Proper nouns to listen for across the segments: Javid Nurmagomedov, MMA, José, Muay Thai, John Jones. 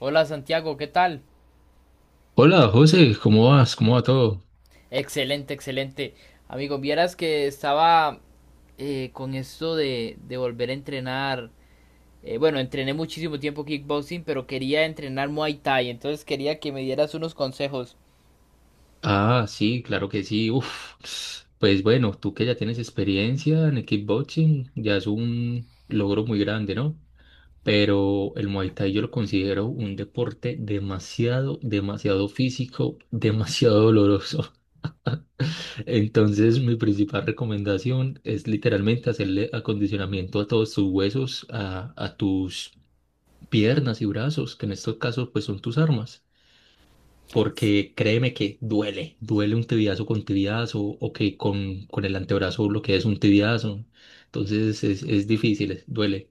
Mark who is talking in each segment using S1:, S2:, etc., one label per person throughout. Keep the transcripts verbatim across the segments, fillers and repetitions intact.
S1: Hola Santiago, ¿qué tal?
S2: Hola José, ¿cómo vas? ¿Cómo va todo?
S1: Excelente, excelente. Amigo, vieras que estaba eh, con esto de, de volver a entrenar. eh, bueno, entrené muchísimo tiempo kickboxing, pero quería entrenar Muay Thai, entonces quería que me dieras unos consejos.
S2: Ah, sí, claro que sí. Uf, pues bueno, tú que ya tienes experiencia en el kickboxing, ya es un logro muy grande, ¿no? Pero el Muay Thai yo lo considero un deporte demasiado, demasiado físico, demasiado doloroso. Entonces, mi principal recomendación es literalmente hacerle acondicionamiento a todos tus huesos, a, a tus piernas y brazos, que en estos casos pues son tus armas. Porque créeme que duele, duele un tibiazo con tibiazo o que con, con el antebrazo lo que es un tibiazo. Entonces es, es difícil, es- duele.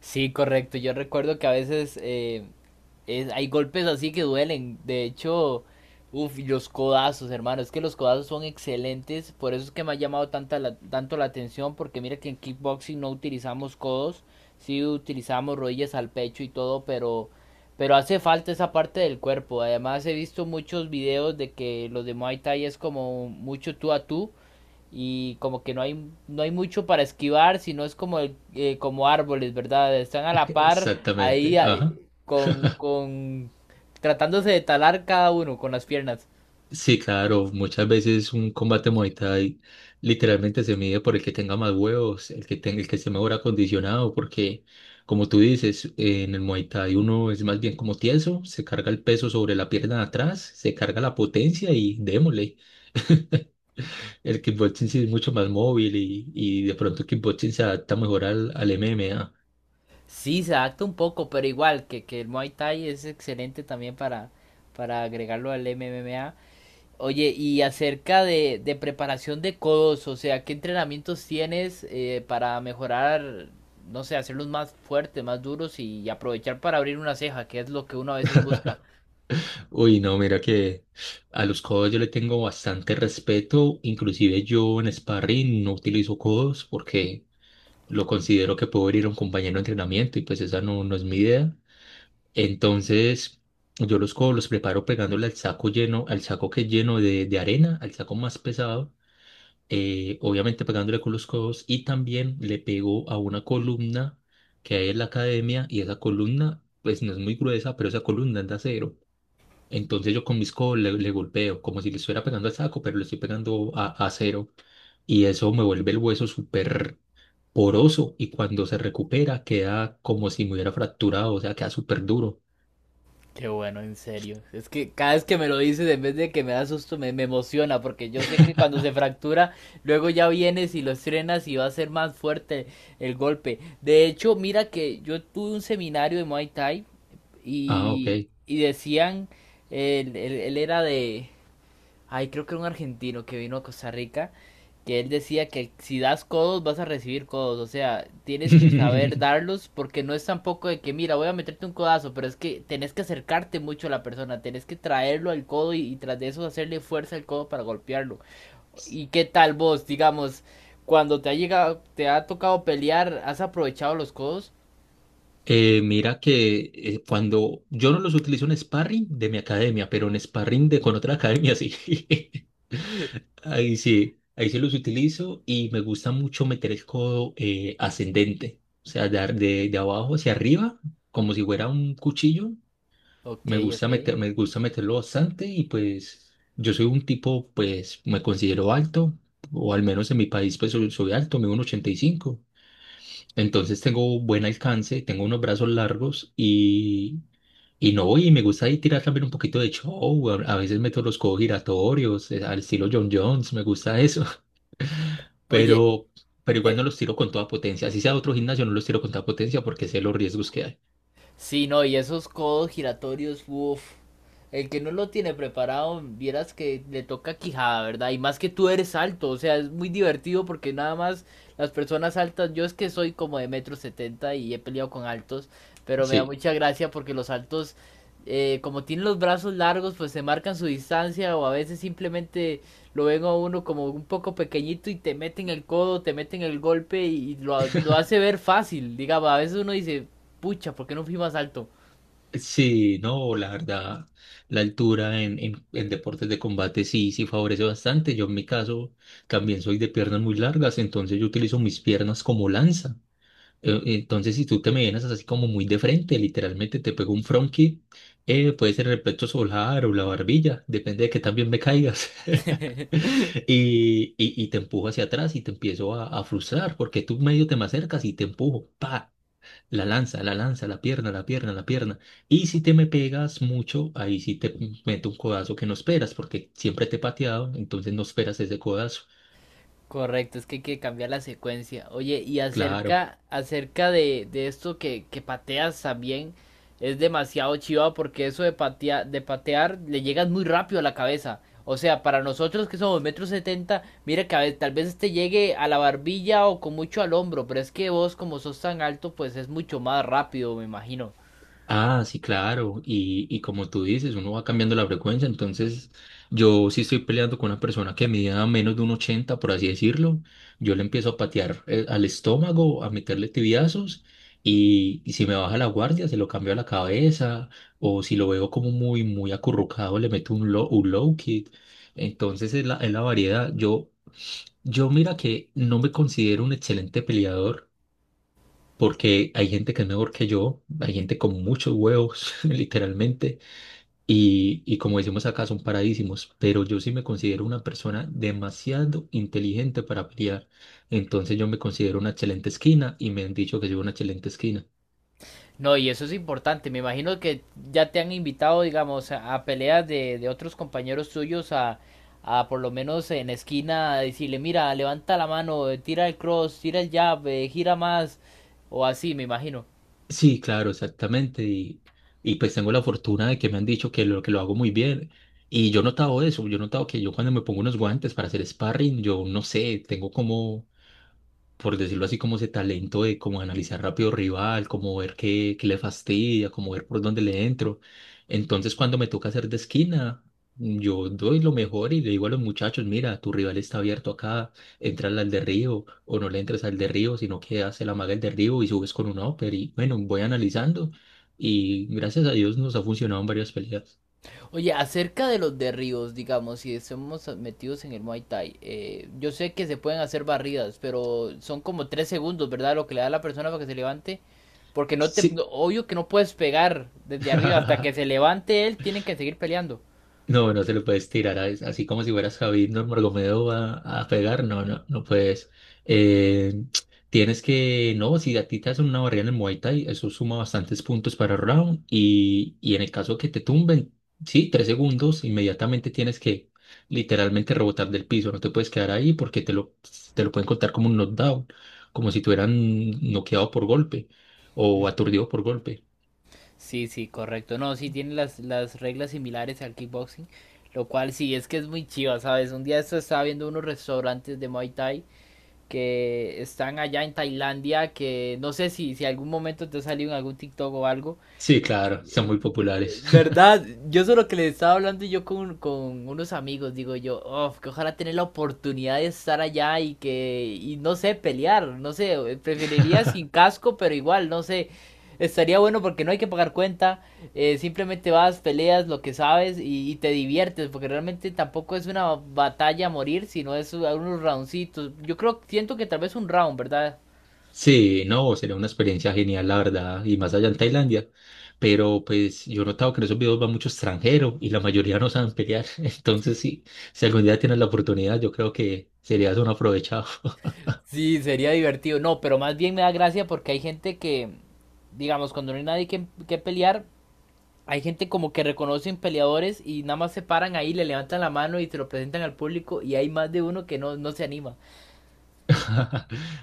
S1: Sí, correcto. Yo recuerdo que a veces eh, es- hay golpes así que duelen. De hecho, uff, los codazos, hermano. Es que los codazos son excelentes. Por eso es que me ha llamado tanta la- tanto la atención. Porque mira que en kickboxing no utilizamos codos. Sí utilizamos rodillas al pecho y todo. Pero, pero hace falta esa parte del cuerpo. Además, he visto muchos videos de que los de Muay Thai es como mucho tú a tú y como que no hay no hay mucho para esquivar, sino es como el- eh, como árboles, ¿verdad? Están a la par ahí
S2: Exactamente,
S1: ah,
S2: ajá.
S1: con con tratándose de talar cada uno con las piernas.
S2: Sí, claro, muchas veces un combate Muay Thai literalmente se mide por el que tenga más huevos, el que tenga, el que esté mejor acondicionado, porque como tú dices, en el Muay Thai uno es más bien como tieso, se carga el peso sobre la pierna de atrás, se carga la potencia y démosle. El kickboxing sí es mucho más móvil y, y de pronto el kickboxing se adapta mejor al, al M M A.
S1: Sí, se adapta un poco, pero igual que que el Muay Thai es excelente también para para agregarlo al M M A. Oye, y acerca de, de preparación de codos, o sea, ¿qué entrenamientos tienes eh, para mejorar, no sé, hacerlos más fuertes, más duros y aprovechar para abrir una ceja, que es lo que uno a veces busca?
S2: Uy, no, mira que a los codos yo le tengo bastante respeto. Inclusive yo en sparring no utilizo codos porque lo considero que puedo herir a un compañero de entrenamiento y pues esa no, no es mi idea. Entonces yo los codos los preparo pegándole al saco lleno, al saco que es lleno de, de arena, al saco más pesado. Eh, obviamente pegándole con los codos, y también le pegó a una columna que hay en la academia, y esa columna, pues no es muy gruesa, pero esa columna es de acero. Entonces yo con mis codos le, le golpeo, como si le estuviera pegando al saco, pero le estoy pegando a, a acero, y eso me vuelve el hueso súper poroso, y cuando se recupera queda como si me hubiera fracturado, o sea, queda súper duro.
S1: Qué bueno, en serio. Es que cada vez que me lo dices, en vez de que me da susto, me, me emociona, porque yo sé que cuando se fractura, luego ya vienes y lo estrenas y va a ser más fuerte el golpe. De hecho, mira que yo tuve un seminario de Muay Thai
S2: Ah, ok.
S1: y, y decían, él, él- él era de, ay, creo que era un argentino que vino a Costa Rica, que él decía que si das codos vas a recibir codos, o sea, tienes que saber darlos porque no es tampoco de que, mira, voy a meterte un codazo, pero es que tenés que acercarte mucho a la persona, tenés que traerlo al codo y, y tras de eso hacerle fuerza al codo para golpearlo. ¿Y qué tal vos, digamos, cuando te ha llegado, te ha tocado pelear, has aprovechado los codos?
S2: Eh, mira que eh, cuando yo no los utilizo en sparring de mi academia, pero en sparring de con otra academia sí. Ahí sí, ahí sí los utilizo y me gusta mucho meter el codo eh, ascendente, o sea, dar de, de abajo hacia arriba, como si fuera un cuchillo.
S1: Ok,
S2: Me gusta
S1: ok.
S2: meter, me gusta meterlo bastante y pues yo soy un tipo, pues me considero alto, o al menos en mi país pues soy, soy alto, mido un uno ochenta y cinco. Entonces tengo buen alcance, tengo unos brazos largos y y no, y me gusta ahí tirar también un poquito de show. A, a veces meto los codos giratorios, eh, al estilo John Jones, me gusta eso.
S1: Oye,
S2: Pero, pero igual
S1: eh,
S2: no los tiro con toda potencia. Así sea otro gimnasio, no los tiro con toda potencia porque sé los riesgos que hay.
S1: sí, no, y esos codos giratorios, uff. El que no lo tiene preparado, vieras que le toca quijada, ¿verdad? Y más que tú eres alto, o sea, es muy divertido porque nada más las personas altas, yo es que soy como de metro setenta y he peleado con altos, pero me da
S2: Sí,
S1: mucha gracia porque los altos, eh, como tienen los brazos largos, pues se marcan su distancia o a veces simplemente lo ven a uno como un poco pequeñito y te meten el codo, te meten el golpe y lo, lo hace ver fácil. Digamos, a veces uno dice, pucha, ¿por qué no fui más alto?
S2: sí, no, la verdad, la altura en, en, en deportes de combate sí, sí favorece bastante. Yo en mi caso también soy de piernas muy largas, entonces yo utilizo mis piernas como lanza. Eh, Entonces, si tú te me vienes así como muy de frente, literalmente te pego un front kick, eh, puede ser el pecho solar o la barbilla, depende de que también me caigas. Y, y, y te empujo hacia atrás y te empiezo a, a frustrar porque tú medio te me acercas y te empujo, pa, la lanza, la lanza, la pierna, la pierna, la pierna. Y si te me pegas mucho, ahí sí te meto un codazo que no esperas porque siempre te he pateado, entonces no esperas ese codazo.
S1: Correcto, es que hay que cambiar la secuencia. Oye, y
S2: Claro.
S1: acerca, acerca de, de esto que, que pateas también, es demasiado chiva porque eso de patear, de patear le llegas muy rápido a la cabeza. O sea, para nosotros que somos metro setenta, mira que a ve- tal vez te llegue a la barbilla o con mucho al hombro, pero es que vos como sos tan alto, pues es mucho más rápido, me imagino.
S2: Ah, sí, claro. Y, y como tú dices, uno va cambiando la frecuencia. Entonces, yo si estoy peleando con una persona que mida menos de un uno ochenta, por así decirlo, yo le empiezo a patear eh, al estómago, a meterle tibiazos. Y, y si me baja la guardia, se lo cambio a la cabeza. O si lo veo como muy, muy acurrucado, le meto un low, un low kick. Entonces, es la, es la variedad. Yo, yo mira que no me considero un excelente peleador porque hay gente que es mejor que yo, hay gente con muchos huevos, literalmente, y, y como decimos acá, son paradísimos, pero yo sí me considero una persona demasiado inteligente para pelear, entonces yo me considero una excelente esquina y me han dicho que soy una excelente esquina.
S1: No, y eso es importante. Me imagino que ya te han invitado, digamos, a, a peleas de, de otros compañeros tuyos a, a por lo menos en esquina a decirle, mira, levanta la mano, eh, tira el cross, tira el jab, eh, gira más, o así, me imagino.
S2: Sí, claro, exactamente, y, y pues tengo la fortuna de que me han dicho que lo, que lo hago muy bien. Y yo he notado eso, yo he notado que yo cuando me pongo unos guantes para hacer sparring, yo no sé, tengo como por decirlo así, como ese talento de como analizar rápido rival, como ver qué, qué le fastidia, como ver por dónde le entro. Entonces, cuando me toca hacer de esquina, yo doy lo mejor y le digo a los muchachos, mira, tu rival está abierto acá, entra al derribo o no le entres al derribo, sino que hace la maga el derribo y subes con un upper y bueno, voy analizando y gracias a Dios nos ha funcionado en varias peleas.
S1: Oye, acerca de los derribos, digamos, si estamos metidos en el Muay Thai, eh, yo sé que se pueden hacer barridas, pero son como tres segundos, ¿verdad? Lo que le da a la persona para que se levante. Porque no te,
S2: Sí.
S1: no- obvio que no puedes pegar desde arriba hasta que se levante él, tienen que seguir peleando.
S2: No, no se lo puedes tirar a- así como si fueras Javid Nurmagomedov a, a pegar. No, no, no puedes. Eh, Tienes que, no, si a ti te hacen una barrida en el Muay Thai, eso suma bastantes puntos para round. Y, y en el caso que te tumben, sí, tres segundos, inmediatamente tienes que literalmente rebotar del piso. No te puedes quedar ahí porque te lo, te lo pueden contar como un knockdown, como si te hubieran noqueado por golpe o aturdido por golpe.
S1: Sí, sí, correcto. No, sí tiene las, las reglas similares al kickboxing, lo cual sí es que es muy chiva, ¿sabes? Un día esto estaba viendo unos restaurantes de Muay Thai que están allá en Tailandia, que no sé si, si algún momento te ha salido en algún TikTok o algo,
S2: Sí, claro, son
S1: eh,
S2: muy populares.
S1: ¿verdad? Yo solo que le estaba hablando yo con, con unos amigos, digo yo, "Uf, que ojalá tener la oportunidad de estar allá y que, y no sé, pelear, no sé, eh, preferiría sin casco, pero igual, no sé, estaría bueno porque no hay que pagar cuenta, eh, simplemente vas, peleas lo que sabes y, y te diviertes, porque realmente tampoco es una batalla a morir, sino es unos roundcitos, yo creo, siento que tal vez un round, ¿verdad?
S2: Sí, no, sería una experiencia genial, la verdad, y más allá en Tailandia. Pero pues yo he notado que en esos videos va mucho extranjero y la mayoría no saben pelear. Entonces, sí, si algún día tienes la oportunidad, yo creo que serías un aprovechado.
S1: Sí, sería divertido. No, pero más bien me da gracia porque hay gente que, digamos, cuando no hay nadie que, que pelear, hay gente como que reconocen peleadores y nada más se paran ahí, le levantan la mano y te lo presentan al público y hay más de uno que no, no se anima.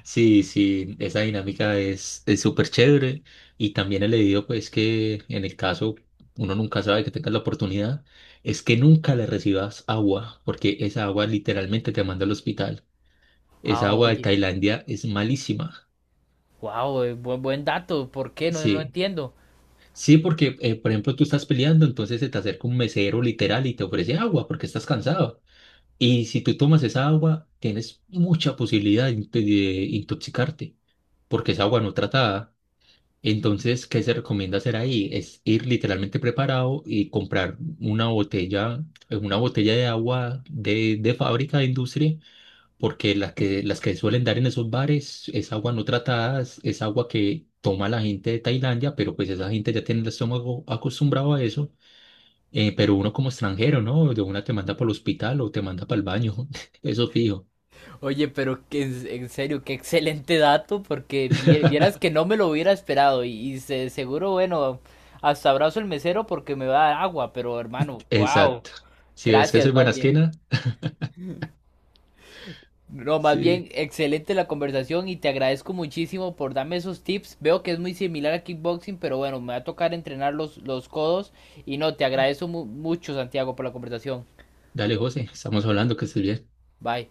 S2: Sí, sí, esa dinámica es es súper chévere. Y también he leído, pues, que en el caso uno nunca sabe que tengas la oportunidad, es que nunca le recibas agua, porque esa agua literalmente te manda al hospital. Esa
S1: Ah,
S2: agua de
S1: oye,
S2: Tailandia es malísima.
S1: wow, buen, buen dato, ¿por qué? No, no
S2: Sí.
S1: entiendo.
S2: Sí, porque, eh, por ejemplo, tú estás peleando, entonces se te acerca un mesero literal y te ofrece agua porque estás cansado. Y si tú tomas esa agua, tienes mucha posibilidad de, inte- de intoxicarte porque es agua no tratada. Entonces, ¿qué se recomienda hacer ahí? Es ir literalmente preparado y comprar una botella, eh, una botella de agua de, de fábrica, de industria, porque las que, las que suelen dar en esos bares es agua no tratada, es es agua que toma la gente de Tailandia, pero pues esa gente ya tiene el estómago acostumbrado a eso, eh, pero uno como extranjero, ¿no? De una te manda para el hospital o te manda para el baño, eso fijo.
S1: Oye, pero que, en en serio, qué excelente dato porque vie- vieras que no me lo hubiera esperado y, y se- seguro, bueno, hasta abrazo el mesero porque me va a dar agua, pero hermano, wow,
S2: Exacto. Si ves que
S1: gracias
S2: soy
S1: más
S2: buena
S1: bien.
S2: esquina,
S1: No, más
S2: sí.
S1: bien, excelente la conversación y te agradezco muchísimo por darme esos tips. Veo que es muy similar a kickboxing, pero bueno, me va a tocar entrenar los, los codos. Y no, te agradezco mu- mucho, Santiago, por la conversación.
S2: Dale, José, estamos hablando, que estés bien.
S1: Bye.